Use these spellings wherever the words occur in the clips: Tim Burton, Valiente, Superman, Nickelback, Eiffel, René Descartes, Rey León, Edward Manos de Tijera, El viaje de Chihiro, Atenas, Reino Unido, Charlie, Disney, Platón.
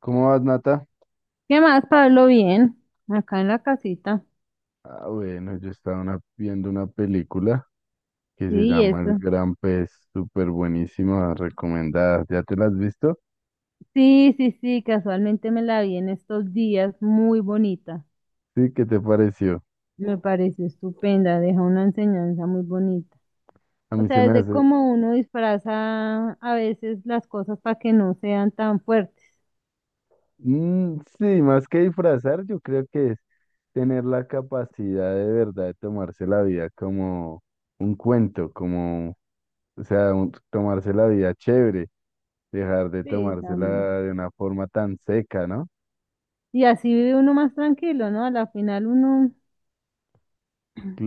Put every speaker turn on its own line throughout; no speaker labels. ¿Cómo vas, Nata?
¿Qué más, Pablo? Bien, acá en la casita.
Ah, bueno, yo estaba viendo una película que se
Sí,
llama El
eso.
Gran Pez, súper buenísima, recomendada. ¿Ya te la has visto?
Sí, sí, sí, casualmente me la vi en estos días, muy bonita.
Sí, ¿qué te pareció?
Me pareció estupenda, deja una enseñanza muy bonita.
A
O
mí se
sea,
me
desde
hace...
cómo uno disfraza a veces las cosas para que no sean tan fuertes.
Mm, sí, más que disfrazar, yo creo que es tener la capacidad de verdad de tomarse la vida como un cuento, como, o sea, tomarse la vida chévere, dejar de
Sí,
tomársela
también.
de una forma tan seca, ¿no?
Y así vive uno más tranquilo, ¿no? A la final uno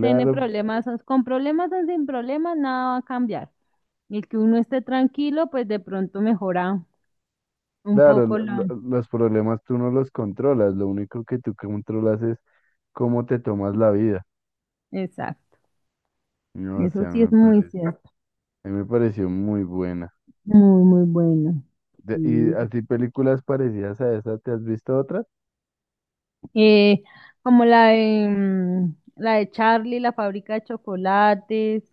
tiene problemas, con problemas o sin problemas, nada va a cambiar. Y el que uno esté tranquilo, pues de pronto mejora un
claro,
poco la...
los problemas tú no los controlas, lo único que tú controlas es cómo te tomas la vida.
Exacto,
No, o
eso
sea,
sí es
me
muy
parece,
cierto,
a mí me pareció muy buena.
muy, muy bueno.
De- ¿y
Sí.
así películas parecidas a esa, te has visto otras?
Eh, Como la de, la de Charlie, la fábrica de chocolates.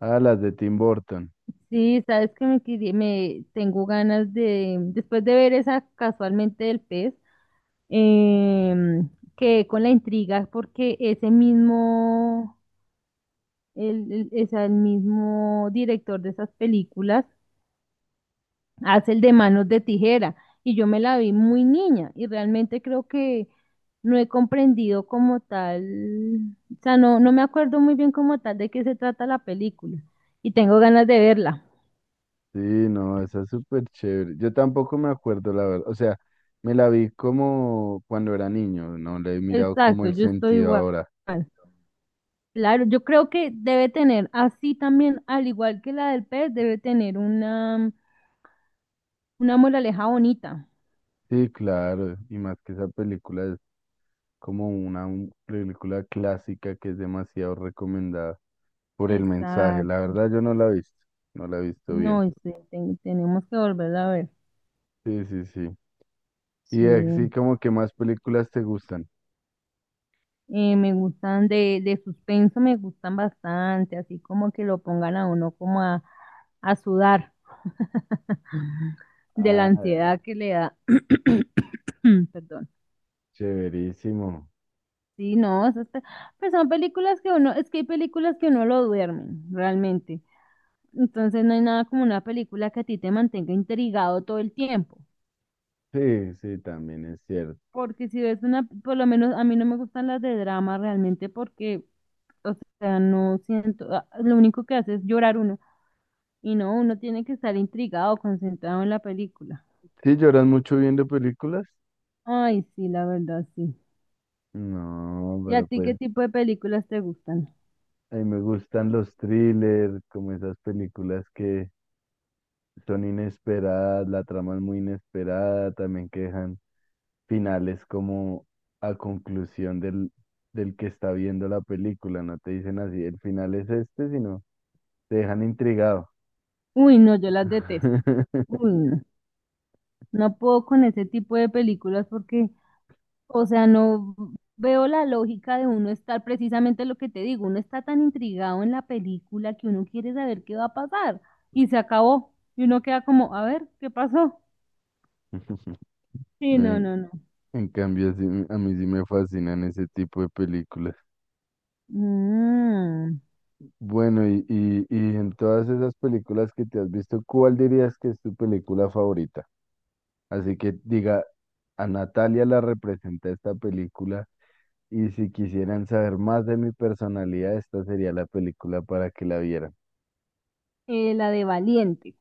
Ah, las de Tim Burton.
Sí, sabes que me, me tengo ganas de, después de ver esa casualmente del pez, eh, quedé con la intriga porque ese mismo, es el mismo director de esas películas, hace el de manos de tijera, y yo me la vi muy niña y realmente creo que no he comprendido como tal. O sea, no, no me acuerdo muy bien como tal de qué se trata la película y tengo ganas de verla.
Sí, no, esa es súper chévere. Yo tampoco me acuerdo, la verdad. O sea, me la vi como cuando era niño, no le he mirado como
Exacto,
el
yo estoy
sentido
igual.
ahora.
Claro, yo creo que debe tener así también, al igual que la del pez, debe tener una moraleja bonita.
Sí, claro, y más que esa película es como una película clásica que es demasiado recomendada por el mensaje. La
Exacto.
verdad yo no la he visto, no la he visto
No,
bien.
y sí, tenemos que volverla a ver.
Sí, sí, sí. Y
Sí.
así como que más películas te gustan.
Me gustan de suspenso, me gustan bastante, así como que lo pongan a uno como a sudar de la
Ah,
ansiedad que le da. Perdón.
chéverísimo.
Sí, no, pues son películas que uno, es que hay películas que uno lo duermen, realmente. Entonces no hay nada como una película que a ti te mantenga intrigado todo el tiempo.
Sí, sí, también es cierto.
Porque si ves una, por lo menos a mí no me gustan las de drama realmente porque, o sea, no siento, lo único que hace es llorar uno. Y no, uno tiene que estar intrigado, concentrado en la película.
¿Sí lloras mucho viendo películas?
Ay, sí, la verdad, sí.
No,
¿Y a
pero
ti
pues
qué tipo de películas te gustan?
a mí me gustan los thrillers, como esas películas que son inesperadas, la trama es muy inesperada, también que dejan finales como a conclusión del, del que está viendo la película, no te dicen así, el final es este, sino te dejan intrigado.
Uy, no, yo las detesto. Uy, no. No puedo con ese tipo de películas porque, o sea, no veo la lógica de uno estar precisamente lo que te digo. Uno está tan intrigado en la película que uno quiere saber qué va a pasar. Y se acabó. Y uno queda como, a ver, ¿qué pasó? Sí, no,
En,
no, no.
en cambio, a mí sí me fascinan ese tipo de películas.
Mm,
Bueno, y en todas esas películas que te has visto, ¿cuál dirías que es tu película favorita? Así que diga, a Natalia la representa esta película y si quisieran saber más de mi personalidad, esta sería la película para que la vieran.
la de Valiente.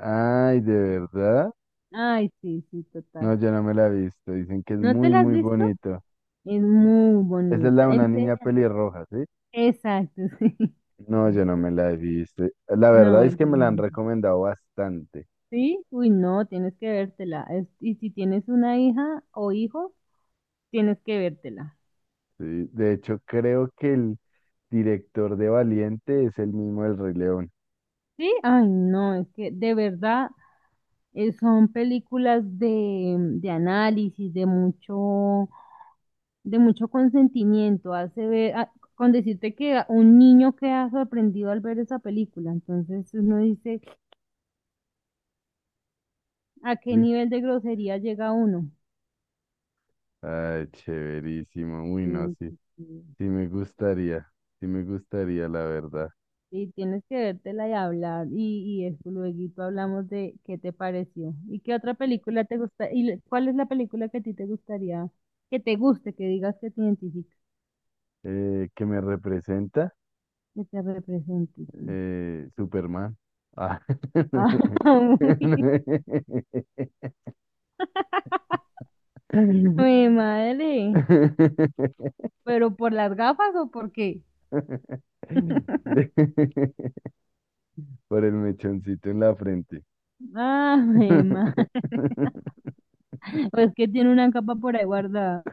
Ay, ¿de verdad?
Ay, sí, sí,
No,
total.
yo no me la he visto. Dicen que es
¿No te
muy,
la has
muy
visto?
bonito.
Es muy
Esa es la
bonita.
de una niña
Enseña.
pelirroja, ¿sí?
Exacto, sí.
No, yo no me la he visto. La verdad
No,
es
es
que me la han
hermosa.
recomendado bastante.
¿Sí? Uy, no, tienes que vértela. Y si tienes una hija o hijo, tienes que vértela.
Sí, de hecho, creo que el director de Valiente es el mismo del Rey León.
¿Sí? Ay, no, es que de verdad son películas de análisis, de mucho consentimiento. Hace ver, con decirte que un niño queda sorprendido al ver esa película. Entonces uno dice, ¿a qué
Sí.
nivel de grosería llega uno?
Ay, chéverísimo. Uy, no,
Sí,
sí.
sí, sí.
Sí me gustaría. Sí me gustaría, la verdad.
Y tienes que vértela y hablar. Y eso, luego hablamos de qué te pareció. ¿Y qué otra película te gusta? ¿Y cuál es la película que a ti te gustaría, que te guste, que digas que te identifica,
¿Qué me representa?
que te represente? Sí.
Superman. Ah.
Ah, uy, mi madre. ¿Pero por las gafas o por qué?
Por el mechoncito en la frente.
Ah, mi madre. Pues que tiene una capa por ahí guardada.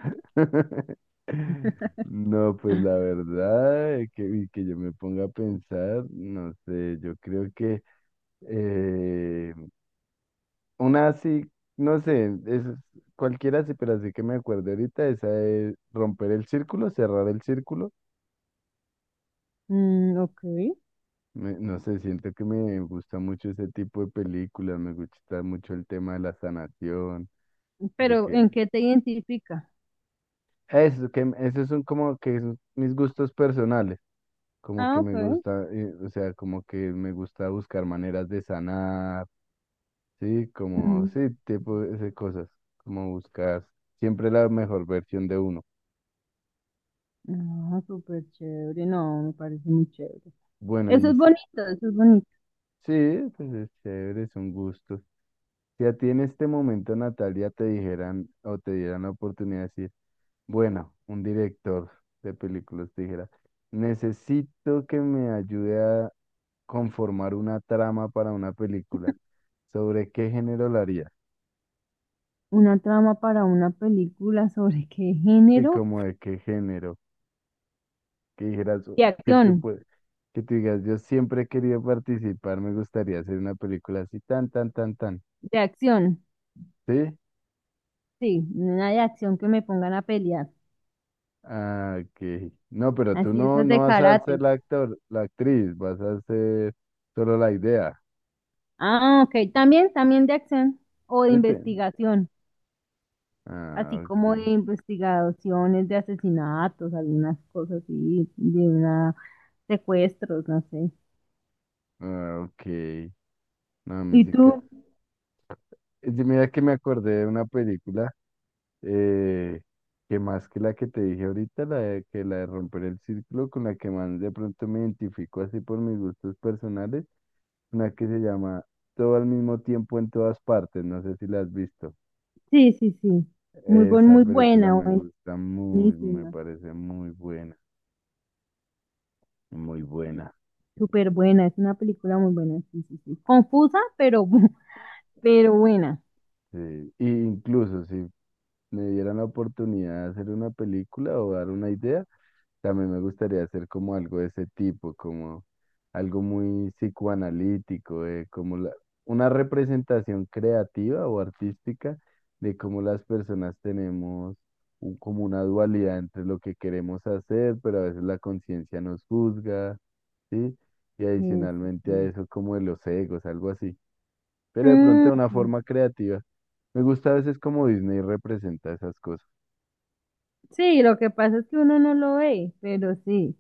No, pues la verdad, que, y que yo me ponga a pensar, no sé, yo creo que eh, una así, no sé, es cualquiera así, pero así que me acuerdo ahorita, esa es romper el círculo, cerrar el círculo.
Mm, ok.
No sé, siento que me gusta mucho ese tipo de películas, me gusta mucho el tema de la sanación, de
¿Pero
que
en qué te identifica?
eso, que esos son como que son mis gustos personales, como
Ah,
que me
ok.
gusta, o sea, como que me gusta buscar maneras de sanar, sí, como,
Mm.
sí, tipo de cosas, como buscar siempre la mejor versión de uno.
Ah, súper chévere, no, me parece muy chévere.
Bueno,
Eso
y
es
sí,
bonito, eso es bonito.
sí, pues es chévere, son gustos. Si a ti en este momento, Natalia, te dijeran o te dieran la oportunidad de decir, bueno, un director de películas dijera, necesito que me ayude a conformar una trama para una película. ¿Sobre qué género la haría?
Una trama para una película sobre qué
Sí,
género.
como de qué género. Que dijeras,
De
que tú
acción,
puedes, que tú digas, yo siempre he querido participar, me gustaría hacer una película así, tan, tan, tan, tan.
de acción,
¿Sí?
sí, una de acción que me pongan a pelear.
Ah, ok. No, pero tú
Así esas
no
de
vas a
karate.
ser la actor, la actriz, vas a ser solo la idea.
Ah, ok, también, también de acción o de
¿Sí te?
investigación, así
Ah,
como
ok.
de investigaciones de asesinatos, algunas cosas así, de una, secuestros, no sé.
Ah, ok. No, a mí
¿Y
sí que...
tú?
es. Mira que me acordé de una película eh, que más que la que te dije ahorita, la de, que la de romper el círculo, con la que más de pronto me identifico así por mis gustos personales, una que se llama Todo al mismo tiempo en todas partes, no sé si la has visto.
Sí, sí, sí. Muy buen,
Esa
muy
película
buena,
me gusta muy, me
buenísima,
parece muy buena, muy buena.
súper buena, es una película muy buena, sí, sí, sí. Confusa, pero, pero buena.
Sí. Y incluso si me dieran la oportunidad de hacer una película o dar una idea, también me gustaría hacer como algo de ese tipo, como algo muy psicoanalítico, de como una representación creativa o artística de cómo las personas tenemos como una dualidad entre lo que queremos hacer, pero a veces la conciencia nos juzga, ¿sí? Y
Sí, sí,
adicionalmente a
sí.
eso como de los egos, algo así. Pero de pronto
Mm,
de una forma creativa. Me gusta a veces como Disney representa esas cosas.
sí, lo que pasa es que uno no lo ve, pero sí,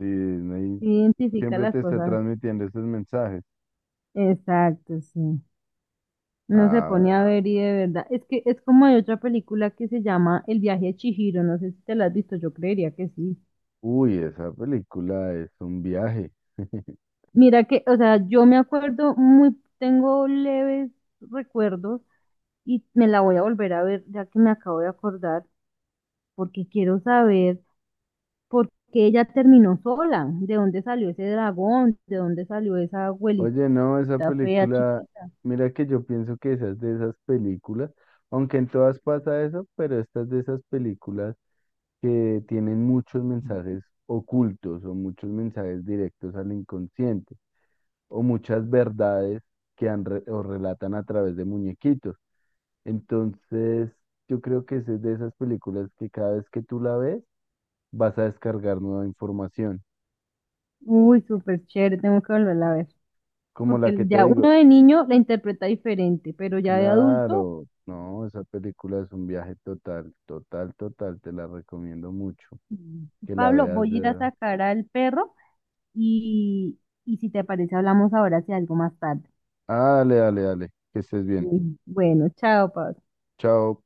Sí, Disney
sí identifica
siempre
las
te está
cosas.
transmitiendo esos mensajes.
Exacto, sí. No se
Ah,
pone a ver y de verdad. Es que es como hay otra película que se llama El viaje de Chihiro, no sé si te la has visto, yo creería que sí.
uy, esa película es un viaje.
Mira que, o sea, yo me acuerdo muy, tengo leves recuerdos y me la voy a volver a ver ya que me acabo de acordar porque quiero saber por qué ella terminó sola, de dónde salió ese dragón, de dónde salió esa
Oye,
abuelita
no, esa
fea,
película,
chiquita.
mira que yo pienso que esa es de esas películas, aunque en todas pasa eso, pero esta es de esas películas que tienen muchos mensajes ocultos o muchos mensajes directos al inconsciente o muchas verdades que han re- o relatan a través de muñequitos. Entonces, yo creo que esa es de esas películas que cada vez que tú la ves, vas a descargar nueva información
Uy, súper chévere, tengo que volverla a ver,
como la
porque
que te
ya uno
digo,
de niño la interpreta diferente, pero ya de adulto,
claro, no, esa película es un viaje total, total, total, te la recomiendo mucho,
mm,
que la
Pablo,
veas
voy a ir a
de...
sacar al perro y, y si te parece hablamos ahora si algo más tarde.
Ah, dale, dale, dale, que estés bien,
Mm, bueno, chao, Pablo.
chao.